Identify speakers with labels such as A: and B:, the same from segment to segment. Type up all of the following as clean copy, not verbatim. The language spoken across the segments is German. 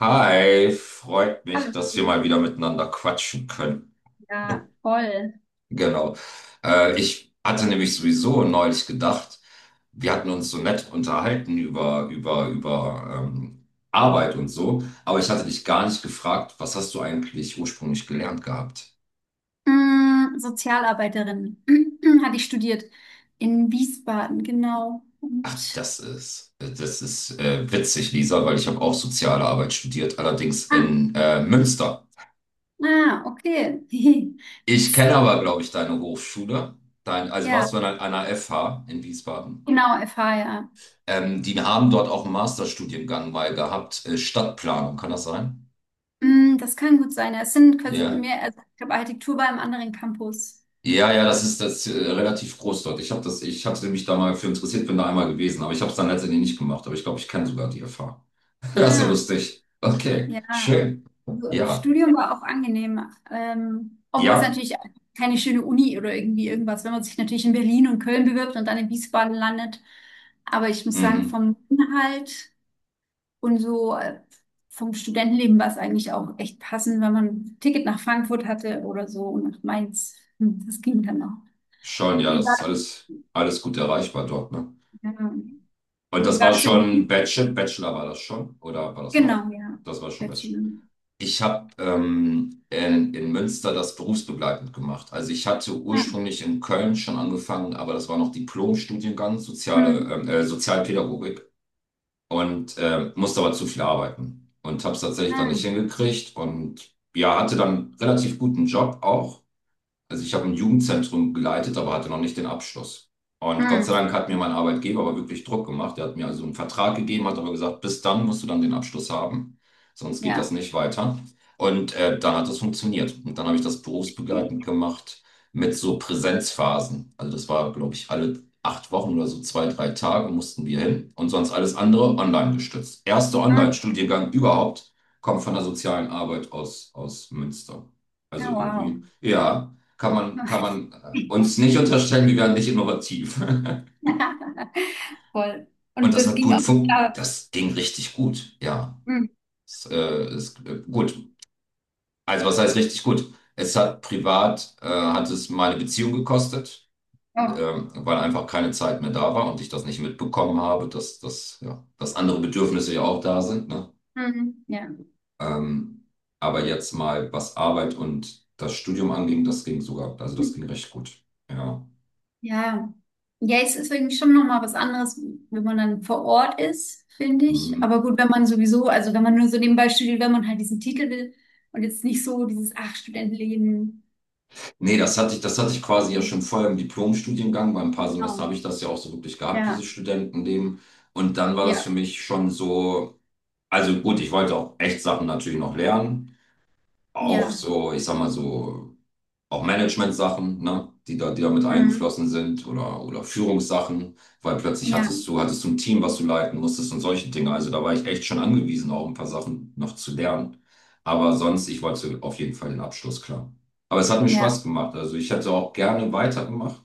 A: Hi, freut mich, dass wir
B: Hallo.
A: mal wieder miteinander quatschen können.
B: Ja, voll.
A: Genau. Ich hatte nämlich sowieso neulich gedacht, wir hatten uns so nett unterhalten über Arbeit und so, aber ich hatte dich gar nicht gefragt, was hast du eigentlich ursprünglich gelernt gehabt?
B: Sozialarbeiterin hatte ich studiert in Wiesbaden, genau. Und
A: Das ist witzig, Lisa, weil ich habe auch soziale Arbeit studiert, allerdings
B: ah,
A: in Münster.
B: okay.
A: Ich
B: Gibt's-
A: kenne aber, glaube ich, deine Hochschule. Dein, also
B: Ja,
A: warst du an einer FH in Wiesbaden?
B: genau, FH, ja.
A: Die haben dort auch einen Masterstudiengang mal gehabt, Stadtplanung, kann das sein?
B: Das kann gut sein. Es sind quasi
A: Ja.
B: mehr, also ich habe Architektur bei einem anderen Campus.
A: Ja, ja, das ist das relativ groß dort. Ich hatte mich da mal für interessiert, bin da einmal gewesen, aber ich habe es dann letztendlich nicht gemacht. Aber ich glaube, ich kenne sogar die Erfahrung. Das ist ja
B: Ah.
A: lustig. Okay,
B: Ja,
A: schön.
B: so,
A: Ja,
B: Studium war auch angenehm, obwohl es
A: ja,
B: natürlich keine schöne Uni oder irgendwie irgendwas, wenn man sich natürlich in Berlin und Köln bewirbt und dann in Wiesbaden landet. Aber ich muss sagen,
A: mhm.
B: vom Inhalt und so vom Studentenleben war es eigentlich auch echt passend, wenn man ein Ticket nach Frankfurt hatte oder so und nach Mainz. Das ging dann auch.
A: Schon, ja,
B: Wie
A: das
B: war,
A: ist alles, alles gut erreichbar dort, ne?
B: ähm,
A: Und
B: wie
A: das
B: war
A: war
B: das in
A: schon
B: Wien?
A: Bachelor, Bachelor war das schon? Oder war das noch?
B: Genau, ja.
A: Das war schon Bachelor.
B: Bachelor.
A: Ich habe in Münster das berufsbegleitend gemacht. Also ich hatte
B: Ah,
A: ursprünglich in Köln schon angefangen, aber das war noch Diplom-Studiengang,
B: mm,
A: Sozialpädagogik und musste aber zu viel arbeiten und habe es tatsächlich dann
B: ah,
A: nicht hingekriegt und ja, hatte dann relativ guten Job auch, also ich habe ein Jugendzentrum geleitet, aber hatte noch nicht den Abschluss. Und Gott
B: mm,
A: sei Dank hat mir mein Arbeitgeber aber wirklich Druck gemacht. Er hat mir also einen Vertrag gegeben, hat aber gesagt, bis dann musst du dann den Abschluss haben, sonst geht das
B: ja.
A: nicht weiter. Und dann hat das funktioniert. Und dann habe ich das berufsbegleitend gemacht mit so Präsenzphasen. Also das war, glaube ich, alle acht Wochen oder so zwei, drei Tage mussten wir hin und sonst alles andere online gestützt. Erster Online-Studiengang überhaupt kommt von der sozialen Arbeit aus, aus Münster.
B: Ah,
A: Also
B: wow.
A: irgendwie, ja, kann man uns nicht unterstellen, wir wären nicht innovativ.
B: Voll.
A: Und
B: Und
A: das
B: das
A: hat
B: ging
A: gut
B: auch nicht
A: funktioniert,
B: ab.
A: das ging richtig gut, ja.
B: Hm.
A: Es ist gut. Also was heißt richtig gut? Es hat privat, hat es meine Beziehung gekostet,
B: Oh.
A: weil einfach keine Zeit mehr da war und ich das nicht mitbekommen habe, dass andere Bedürfnisse ja auch da sind, ne?
B: Mhm. Ja.
A: Ähm, aber jetzt mal, was Arbeit und das Studium anging, das ging sogar, also das ging recht gut. Ja.
B: Ja. Ja, es ist irgendwie schon nochmal was anderes, wenn man dann vor Ort ist, finde ich. Aber
A: Mhm.
B: gut, wenn man sowieso, also wenn man nur so nebenbei studiert, wenn man halt diesen Titel will und jetzt nicht so dieses, ach, Studentenleben.
A: Nee, das hatte ich quasi ja schon vorher im Diplomstudiengang. Bei ein paar Semester habe
B: Genau.
A: ich das ja auch so wirklich gehabt, dieses
B: Ja.
A: Studentenleben. Und dann war das für
B: Ja.
A: mich schon so, also gut, ich wollte auch echt Sachen natürlich noch lernen. Auch
B: Ja.
A: so, ich sag mal so, auch Management-Sachen, ne, die da mit
B: Mhm.
A: eingeflossen sind oder Führungssachen, weil plötzlich hattest
B: Ja.
A: du, hattest du ein Team, was du leiten musstest und solche Dinge. Also da war ich echt schon angewiesen, auch ein paar Sachen noch zu lernen. Aber sonst, ich wollte auf jeden Fall den Abschluss, klar. Aber es hat mir
B: Ja.
A: Spaß gemacht. Also ich hätte auch gerne weitergemacht,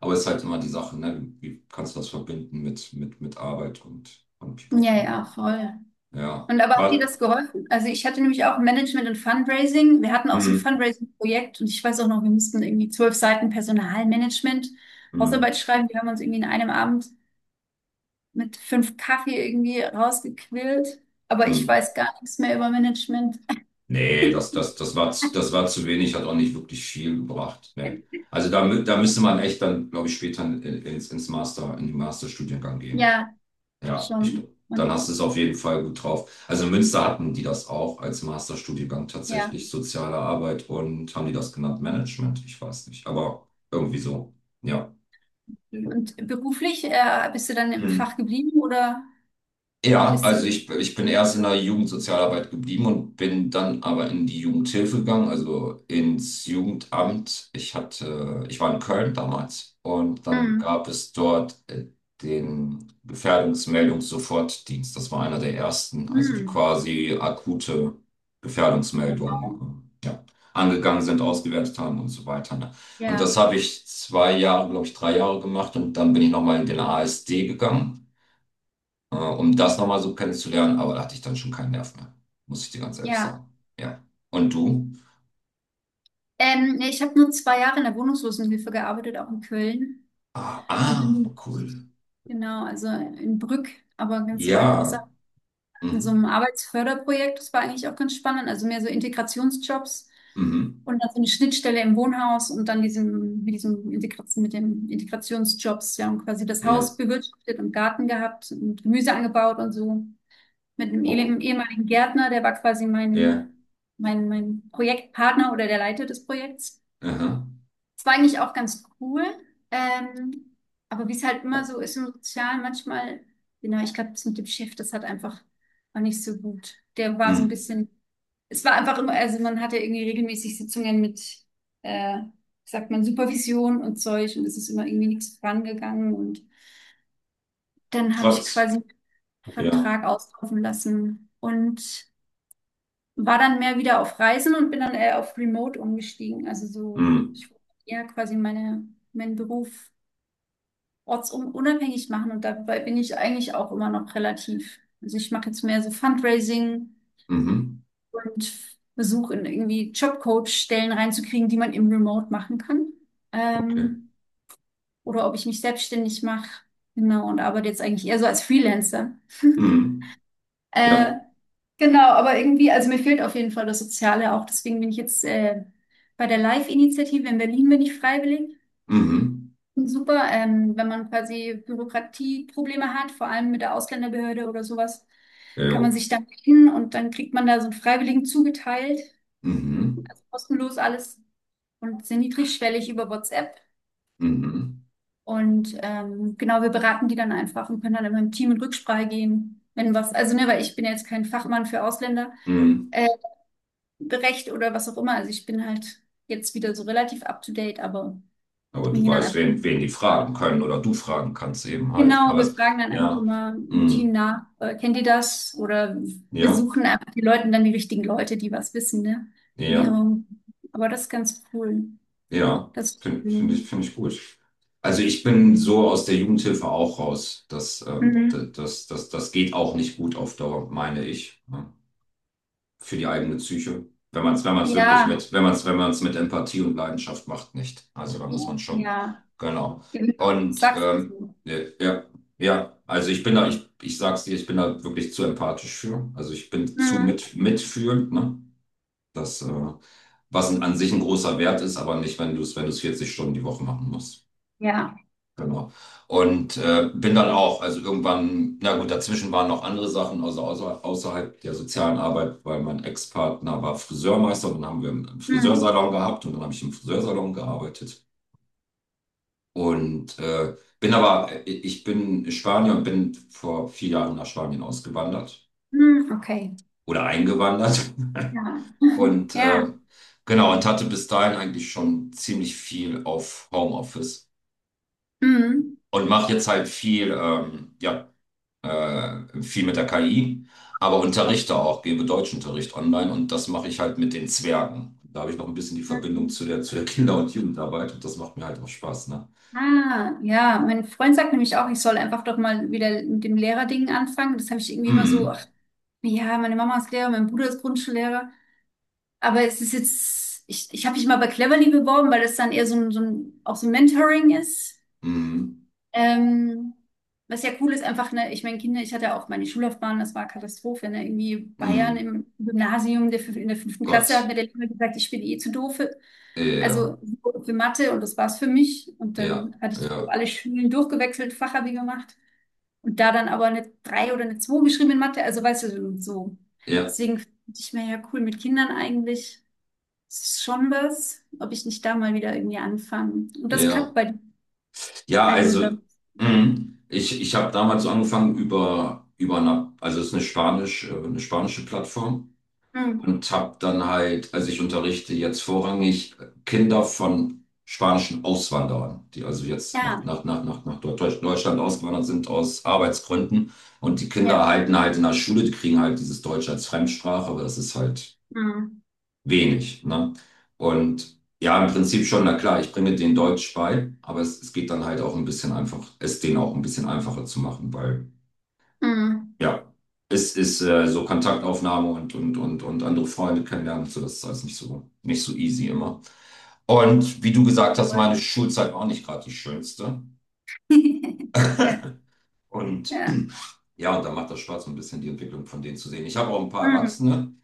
A: aber es ist halt immer die Sache, ne, wie kannst du das verbinden mit Arbeit und
B: Ja,
A: Pipapo?
B: ja, voll.
A: Ja,
B: Und aber hat dir
A: was?
B: das geholfen? Also ich hatte nämlich auch Management und Fundraising. Wir hatten auch so ein
A: mm,
B: Fundraising-Projekt und ich weiß auch noch, wir mussten irgendwie 12 Seiten Personalmanagement, Hausarbeit
A: mm,
B: schreiben. Die haben uns irgendwie in einem Abend mit fünf Kaffee irgendwie rausgequillt. Aber ich
A: mm.
B: weiß gar nichts mehr über Management.
A: Nee, das war zu wenig, hat auch nicht wirklich viel gebracht. Nee. Also da müsste man echt dann, glaube ich, später in den Masterstudiengang gehen.
B: Ja,
A: Ja, ich
B: schon.
A: glaube, dann
B: Und
A: hast du es auf jeden Fall gut drauf. Also in Münster hatten die das auch als Masterstudiengang
B: ja.
A: tatsächlich, soziale Arbeit, und haben die das genannt Management? Ich weiß nicht, aber irgendwie so. Ja.
B: Und beruflich, bist du dann im Fach
A: Mhm.
B: geblieben oder
A: Ja,
B: bist du?
A: also ich bin erst in der Jugendsozialarbeit geblieben und bin dann aber in die Jugendhilfe gegangen, also ins Jugendamt. Ich hatte, ich war in Köln damals und dann
B: Hm.
A: gab es dort den Gefährdungsmeldungssofortdienst. Das war einer der ersten, also die
B: Hm.
A: quasi akute
B: Wow.
A: Gefährdungsmeldungen, ja, angegangen sind, ausgewertet haben und so weiter. Ne? Und
B: Ja,
A: das habe ich zwei Jahre, glaube ich, drei Jahre gemacht und dann bin ich nochmal in den ASD gegangen, um das nochmal so kennenzulernen, aber da hatte ich dann schon keinen Nerv mehr, muss ich dir ganz ehrlich
B: ja.
A: sagen. Ja. Und du?
B: Nee, ich habe nur 2 Jahre in der Wohnungslosenhilfe gearbeitet, auch in Köln.
A: Ah,
B: Und
A: ah,
B: dann,
A: cool.
B: genau, also in Brück, aber ganz weit
A: Ja.
B: außerhalb, in so einem
A: Mhm.
B: Arbeitsförderprojekt. Das war eigentlich auch ganz spannend. Also mehr so Integrationsjobs
A: Mhm.
B: und dann so eine Schnittstelle im Wohnhaus und dann diesem, mit diesem Integration, mit den Integrationsjobs. Wir haben quasi das
A: Ja.
B: Haus bewirtschaftet und Garten gehabt und Gemüse angebaut und so. Mit einem
A: Oh.
B: ehemaligen Gärtner, der war quasi mein,
A: Ja.
B: mein, mein Projektpartner oder der Leiter des Projekts.
A: Aha.
B: Es war eigentlich auch ganz cool. Ähm, aber wie es halt immer so ist im Sozialen, manchmal, genau, ich glaube, das mit dem Chef, das hat einfach auch nicht so gut. Der war so ein
A: Mhm.
B: bisschen, es war einfach immer, also man hatte irgendwie regelmäßig Sitzungen mit, wie sagt man, Supervision und Zeug und es ist immer irgendwie nichts vorangegangen und dann habe ich
A: Trotz.
B: quasi einen
A: Ja.
B: Vertrag auslaufen lassen und war dann mehr wieder auf Reisen und bin dann eher auf Remote umgestiegen. Also so,
A: Mhm.
B: ich wollte ja quasi meinen Beruf ortsunabhängig machen und dabei bin ich eigentlich auch immer noch relativ. Also ich mache jetzt mehr so Fundraising
A: Mhm.
B: und versuche in irgendwie Jobcoach-Stellen reinzukriegen, die man im Remote machen kann.
A: Okay.
B: Ähm, oder ob ich mich selbstständig mache. Genau, und arbeite jetzt eigentlich eher so als Freelancer.
A: Mhm.
B: Äh,
A: Ja.
B: genau, aber irgendwie, also mir fehlt auf jeden Fall das Soziale auch. Deswegen bin ich jetzt bei der Live-Initiative in Berlin bin ich freiwillig.
A: Mhm.
B: Super, wenn man quasi Bürokratieprobleme hat, vor allem mit der Ausländerbehörde oder sowas, kann man
A: Ja.
B: sich da hin und dann kriegt man da so einen Freiwilligen zugeteilt,
A: Mhm.
B: also kostenlos alles und sehr niedrigschwellig über WhatsApp.
A: Mhm.
B: Und genau, wir beraten die dann einfach und können dann immer im Team in Rücksprache gehen, wenn was, also ne, weil ich bin ja jetzt kein Fachmann für Ausländer,
A: Mhm.
B: äh, Recht oder was auch immer. Also ich bin halt jetzt wieder so relativ up to date, aber
A: Aber
B: wir
A: du
B: gehen dann
A: weißt,
B: einfach
A: wen,
B: mit.
A: wen die fragen können oder du fragen kannst eben halt.
B: Genau,
A: Aber
B: wir
A: es,
B: fragen dann einfach
A: ja.
B: immer im Team
A: Mhm.
B: nach, kennt ihr das? Oder wir
A: Ja.
B: suchen einfach die Leute dann die richtigen Leute, die was wissen, ne? In
A: Ja.
B: ihrem, aber das ist ganz cool.
A: Ja,
B: Das,
A: finde find find ich,
B: mhm.
A: finde ich gut. Also ich bin so aus der Jugendhilfe auch raus. Das geht auch nicht gut auf Dauer, meine ich, ne? Für die eigene Psyche. Wenn man es, wenn man es
B: Ja,
A: wirklich mit, wenn man es, wenn man es mit Empathie und Leidenschaft macht, nicht. Also da muss man schon,
B: ja,
A: genau. Und
B: sagst du? So.
A: ja, ja, ja. also ich bin da, ich sag's dir, ich bin da wirklich zu empathisch für. Also ich bin zu
B: Mhm.
A: mit, mitfühlend, ne? Das, äh, Was an sich ein großer Wert ist, aber nicht, wenn du es 40 Stunden die Woche machen musst.
B: Ja,
A: Genau. Und bin dann auch, also irgendwann, na gut, dazwischen waren noch andere Sachen, also außerhalb der sozialen Arbeit, weil mein Ex-Partner war Friseurmeister und dann haben wir einen
B: mhm.
A: Friseursalon gehabt und dann habe ich im Friseursalon gearbeitet. Und ich bin Spanier und bin vor vier Jahren nach Spanien ausgewandert
B: Mhm. Okay,
A: oder eingewandert.
B: ja,
A: Und
B: ja,
A: genau, und hatte bis dahin eigentlich schon ziemlich viel auf Homeoffice
B: mhm.
A: und mache jetzt halt viel, viel mit der KI, aber unterrichte
B: Okay.
A: auch, gebe Deutschunterricht online, und das mache ich halt mit den Zwergen. Da habe ich noch ein bisschen die Verbindung
B: Mhm.
A: zu der Kinder- und Jugendarbeit, und das macht mir halt auch Spaß, ne?
B: Ah, ja, mein Freund sagt nämlich auch, ich soll einfach doch mal wieder mit dem Lehrerding anfangen. Das habe ich irgendwie immer so,
A: Mm,
B: ach, ja, meine Mama ist Lehrer, mein Bruder ist Grundschullehrer. Aber es ist jetzt, ich habe mich mal bei Cleverly beworben, weil das dann eher auch so ein Mentoring ist.
A: mm,
B: Ähm, was ja cool ist, einfach, ne, ich meine, Kinder, ich hatte ja auch meine Schullaufbahn, das war Katastrophe, ne? Irgendwie
A: mm,
B: Bayern im Gymnasium, in der 5. Klasse hat
A: Gott.
B: mir der Lehrer gesagt, ich bin eh zu doof für,
A: Ja,
B: also für Mathe und das war's für mich. Und
A: ja,
B: dann hatte ich so
A: ja,
B: alle Schulen durchgewechselt, Fachabi gemacht und da dann aber eine 3 oder eine 2 geschrieben in Mathe, also weißt du, so. So.
A: ja,
B: Deswegen finde ich mir ja cool mit Kindern eigentlich. Das ist schon was, ob ich nicht da mal wieder irgendwie anfange. Und das klappt
A: ja.
B: bei,
A: Ja,
B: also
A: also
B: da.
A: mhm. Ich habe damals so angefangen über eine, also es ist eine Spanisch, eine spanische Plattform,
B: Hm.
A: und habe dann halt, also ich unterrichte jetzt vorrangig Kinder von spanischen Auswanderern, die also jetzt nach,
B: Ja,
A: nach, nach, nach, nach Deutsch- Deutschland ausgewandert sind aus Arbeitsgründen, und die Kinder
B: ja.
A: erhalten halt in der Schule, die kriegen halt dieses Deutsch als Fremdsprache, aber das ist halt
B: Mhm.
A: wenig, ne? Und ja, im Prinzip schon, na klar, ich bringe denen Deutsch bei, aber es geht dann halt auch ein bisschen einfach, es denen auch ein bisschen einfacher zu machen, weil
B: Mhm.
A: ja, es ist so Kontaktaufnahme und andere Freunde kennenlernen, und so, das ist alles nicht so, nicht so easy immer. Und wie du gesagt hast, meine
B: Voll.
A: Schulzeit war auch nicht gerade die schönste.
B: Ja,
A: Und
B: ja.
A: ja, und da macht das Spaß, so ein bisschen die Entwicklung von denen zu sehen. Ich habe auch ein paar
B: Mhm.
A: Erwachsene.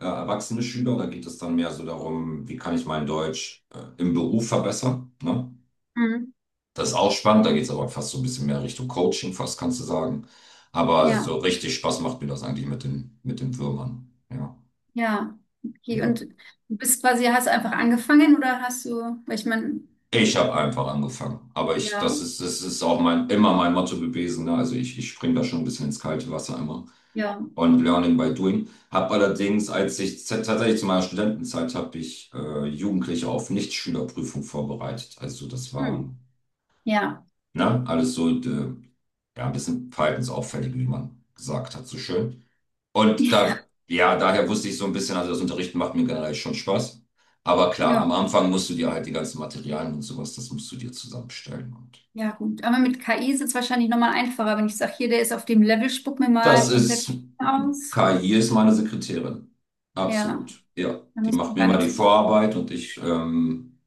A: Erwachsene Schüler. Da geht es dann mehr so darum, wie kann ich mein Deutsch im Beruf verbessern. Ne?
B: Mhm.
A: Das ist auch spannend, da geht es aber fast so ein bisschen mehr Richtung Coaching, fast kannst du sagen. Aber so
B: Ja,
A: richtig Spaß macht mir das eigentlich mit den Würmern. Ja,
B: ja. Okay,
A: ja.
B: und du bist quasi, hast einfach angefangen oder hast du, weil ich meine,
A: Ich habe einfach angefangen. Aber ich,
B: ja,
A: das ist auch mein, immer mein Motto gewesen. Ne? Also ich springe da schon ein bisschen ins kalte Wasser immer.
B: ja,
A: Und Learning by Doing. Habe allerdings, tatsächlich zu meiner Studentenzeit, habe ich Jugendliche auf Nichtschülerprüfung vorbereitet. Also das war,
B: mhm. Ja,
A: ne, alles so ja, ein bisschen verhaltensauffällig, wie man gesagt hat, so schön. Und da,
B: ja,
A: ja, daher wusste ich so ein bisschen, also das Unterrichten macht mir generell schon Spaß. Aber klar,
B: ja,
A: am Anfang musst du dir halt die ganzen Materialien und sowas, das musst du dir zusammenstellen.
B: ja, gut. Aber mit KI ist es wahrscheinlich nochmal einfacher, wenn ich sage, hier, der ist auf dem Level, spuck mir
A: Das
B: mal komplett
A: ist,
B: aus.
A: KI ist meine Sekretärin.
B: Ja,
A: Absolut. Ja,
B: da
A: die
B: muss
A: macht
B: man
A: mir
B: gar
A: mal die
B: nichts mehr.
A: Vorarbeit und ich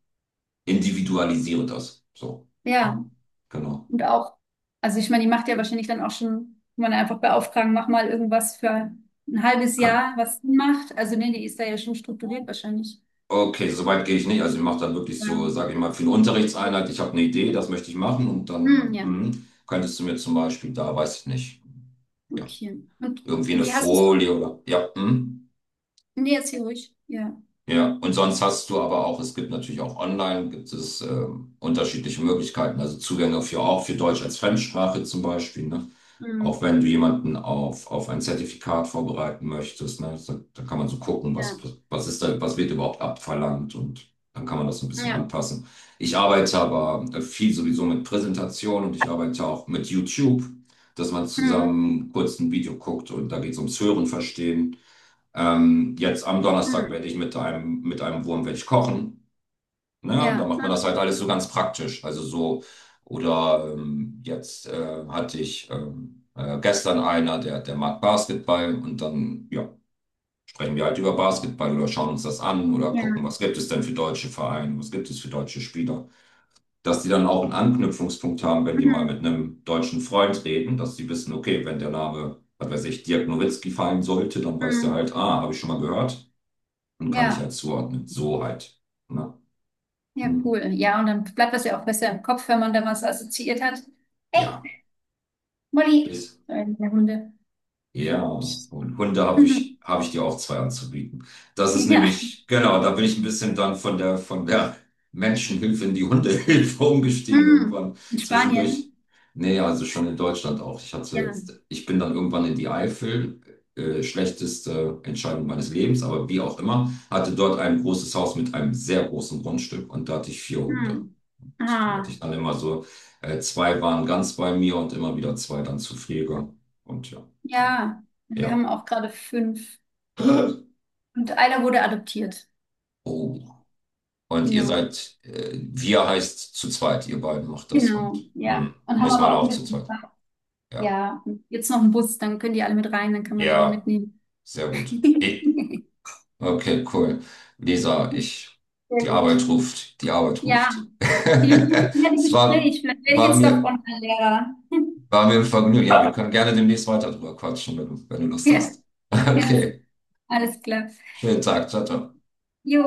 A: individualisiere das. So, ja,
B: Ja.
A: genau.
B: Und auch, also ich meine, die macht ja wahrscheinlich dann auch schon, kann man einfach beauftragen, mach mal irgendwas für ein halbes
A: Ah,
B: Jahr, was sie macht. Also nee, die ist da ja schon strukturiert wahrscheinlich.
A: Okay, so weit gehe ich nicht. Also ich mache dann wirklich
B: Ja.
A: so, sage ich mal, für eine Unterrichtseinheit, ich habe eine Idee, das möchte ich machen, und
B: Hm,
A: dann
B: ja,
A: mhm, könntest du mir zum Beispiel da, weiß ich nicht, ja,
B: okay. Und
A: irgendwie eine
B: wie hast du es?
A: Folie oder, ja, mhm.
B: Nee, jetzt hier ruhig. Ja.
A: Ja, und sonst hast du aber auch, es gibt natürlich auch online, gibt es unterschiedliche Möglichkeiten, also Zugänge für auch für Deutsch als Fremdsprache zum Beispiel, ne? Auch
B: Hm,
A: wenn du jemanden auf ein Zertifikat vorbereiten möchtest, ne? Da kann man so gucken,
B: ja.
A: was ist da, was wird überhaupt abverlangt, und dann kann man das so ein bisschen
B: Ja.
A: anpassen. Ich arbeite aber viel sowieso mit Präsentation, und ich arbeite auch mit YouTube, dass man
B: Hm,
A: zusammen kurz ein Video guckt und da geht es ums Hören, Verstehen. Jetzt am Donnerstag
B: hm,
A: werde ich mit einem Wurm werde ich kochen. Ne? Und da
B: ja.
A: macht man das halt alles so ganz praktisch. Also so, oder jetzt hatte ich gestern einer, der mag Basketball und dann ja, sprechen wir halt über Basketball oder schauen uns das an oder
B: Ja.
A: gucken, was gibt es denn für deutsche Vereine, was gibt es für deutsche Spieler. Dass die dann auch einen Anknüpfungspunkt haben, wenn die mal mit
B: Hm,
A: einem deutschen Freund reden, dass die wissen, okay, wenn der Name, was weiß ich, Dirk Nowitzki fallen sollte, dann weiß der
B: hm,
A: halt, ah, habe ich schon mal gehört und kann ich
B: ja.
A: halt zuordnen. So halt. Ne?
B: Ja, cool.
A: Hm.
B: Ja, und dann bleibt das ja auch besser im Kopf, wenn man da was assoziiert hat.
A: Ja,
B: Hey, Molly.
A: ist.
B: Der Hunde.
A: Ja, und Hunde
B: Mhm.
A: habe ich dir auch zwei anzubieten. Das ist
B: Ja.
A: nämlich, genau, da bin ich ein bisschen dann von der Menschenhilfe in die Hundehilfe umgestiegen
B: Hm,
A: irgendwann.
B: in
A: Zwischendurch,
B: Spanien?
A: nee, also schon in Deutschland auch. Ich hatte,
B: Ja.
A: jetzt- ich bin dann irgendwann in die Eifel, schlechteste Entscheidung meines Lebens, aber wie auch immer, hatte dort ein großes Haus mit einem sehr großen Grundstück und da hatte ich vier Hunde.
B: Hm.
A: Die hatte ich
B: Ah,
A: dann immer so, zwei waren ganz bei mir und immer wieder zwei dann zu Pflege. Und ja, genau.
B: ja. Und wir
A: Ja.
B: haben auch gerade fünf. Und einer wurde adoptiert.
A: Oh. Und ihr
B: Genau.
A: seid, wir heißt zu zweit, ihr beiden macht das,
B: Genau,
A: und
B: ja.
A: hm,
B: Und haben
A: muss man
B: aber auch
A: auch zu
B: mit.
A: zweit. Ja,
B: Ja, und jetzt noch einen Bus, dann können die alle mit rein, dann kann man die mal
A: ja,
B: mitnehmen.
A: sehr gut. Ich, okay, cool. Lisa, ich,
B: Sehr
A: die
B: gut.
A: Arbeit ruft, die Arbeit
B: Ja,
A: ruft.
B: vielen Dank für das nette
A: Es war,
B: Gespräch. Vielleicht werde ich
A: war
B: jetzt doch
A: mir,
B: Online-Lehrer.
A: war mir ein Vergnügen. Ja, wir können gerne demnächst weiter drüber quatschen, wenn du Lust
B: Ja,
A: hast.
B: ja, so.
A: Okay,
B: Alles klar.
A: schönen Tag, ciao, ciao.
B: Jo.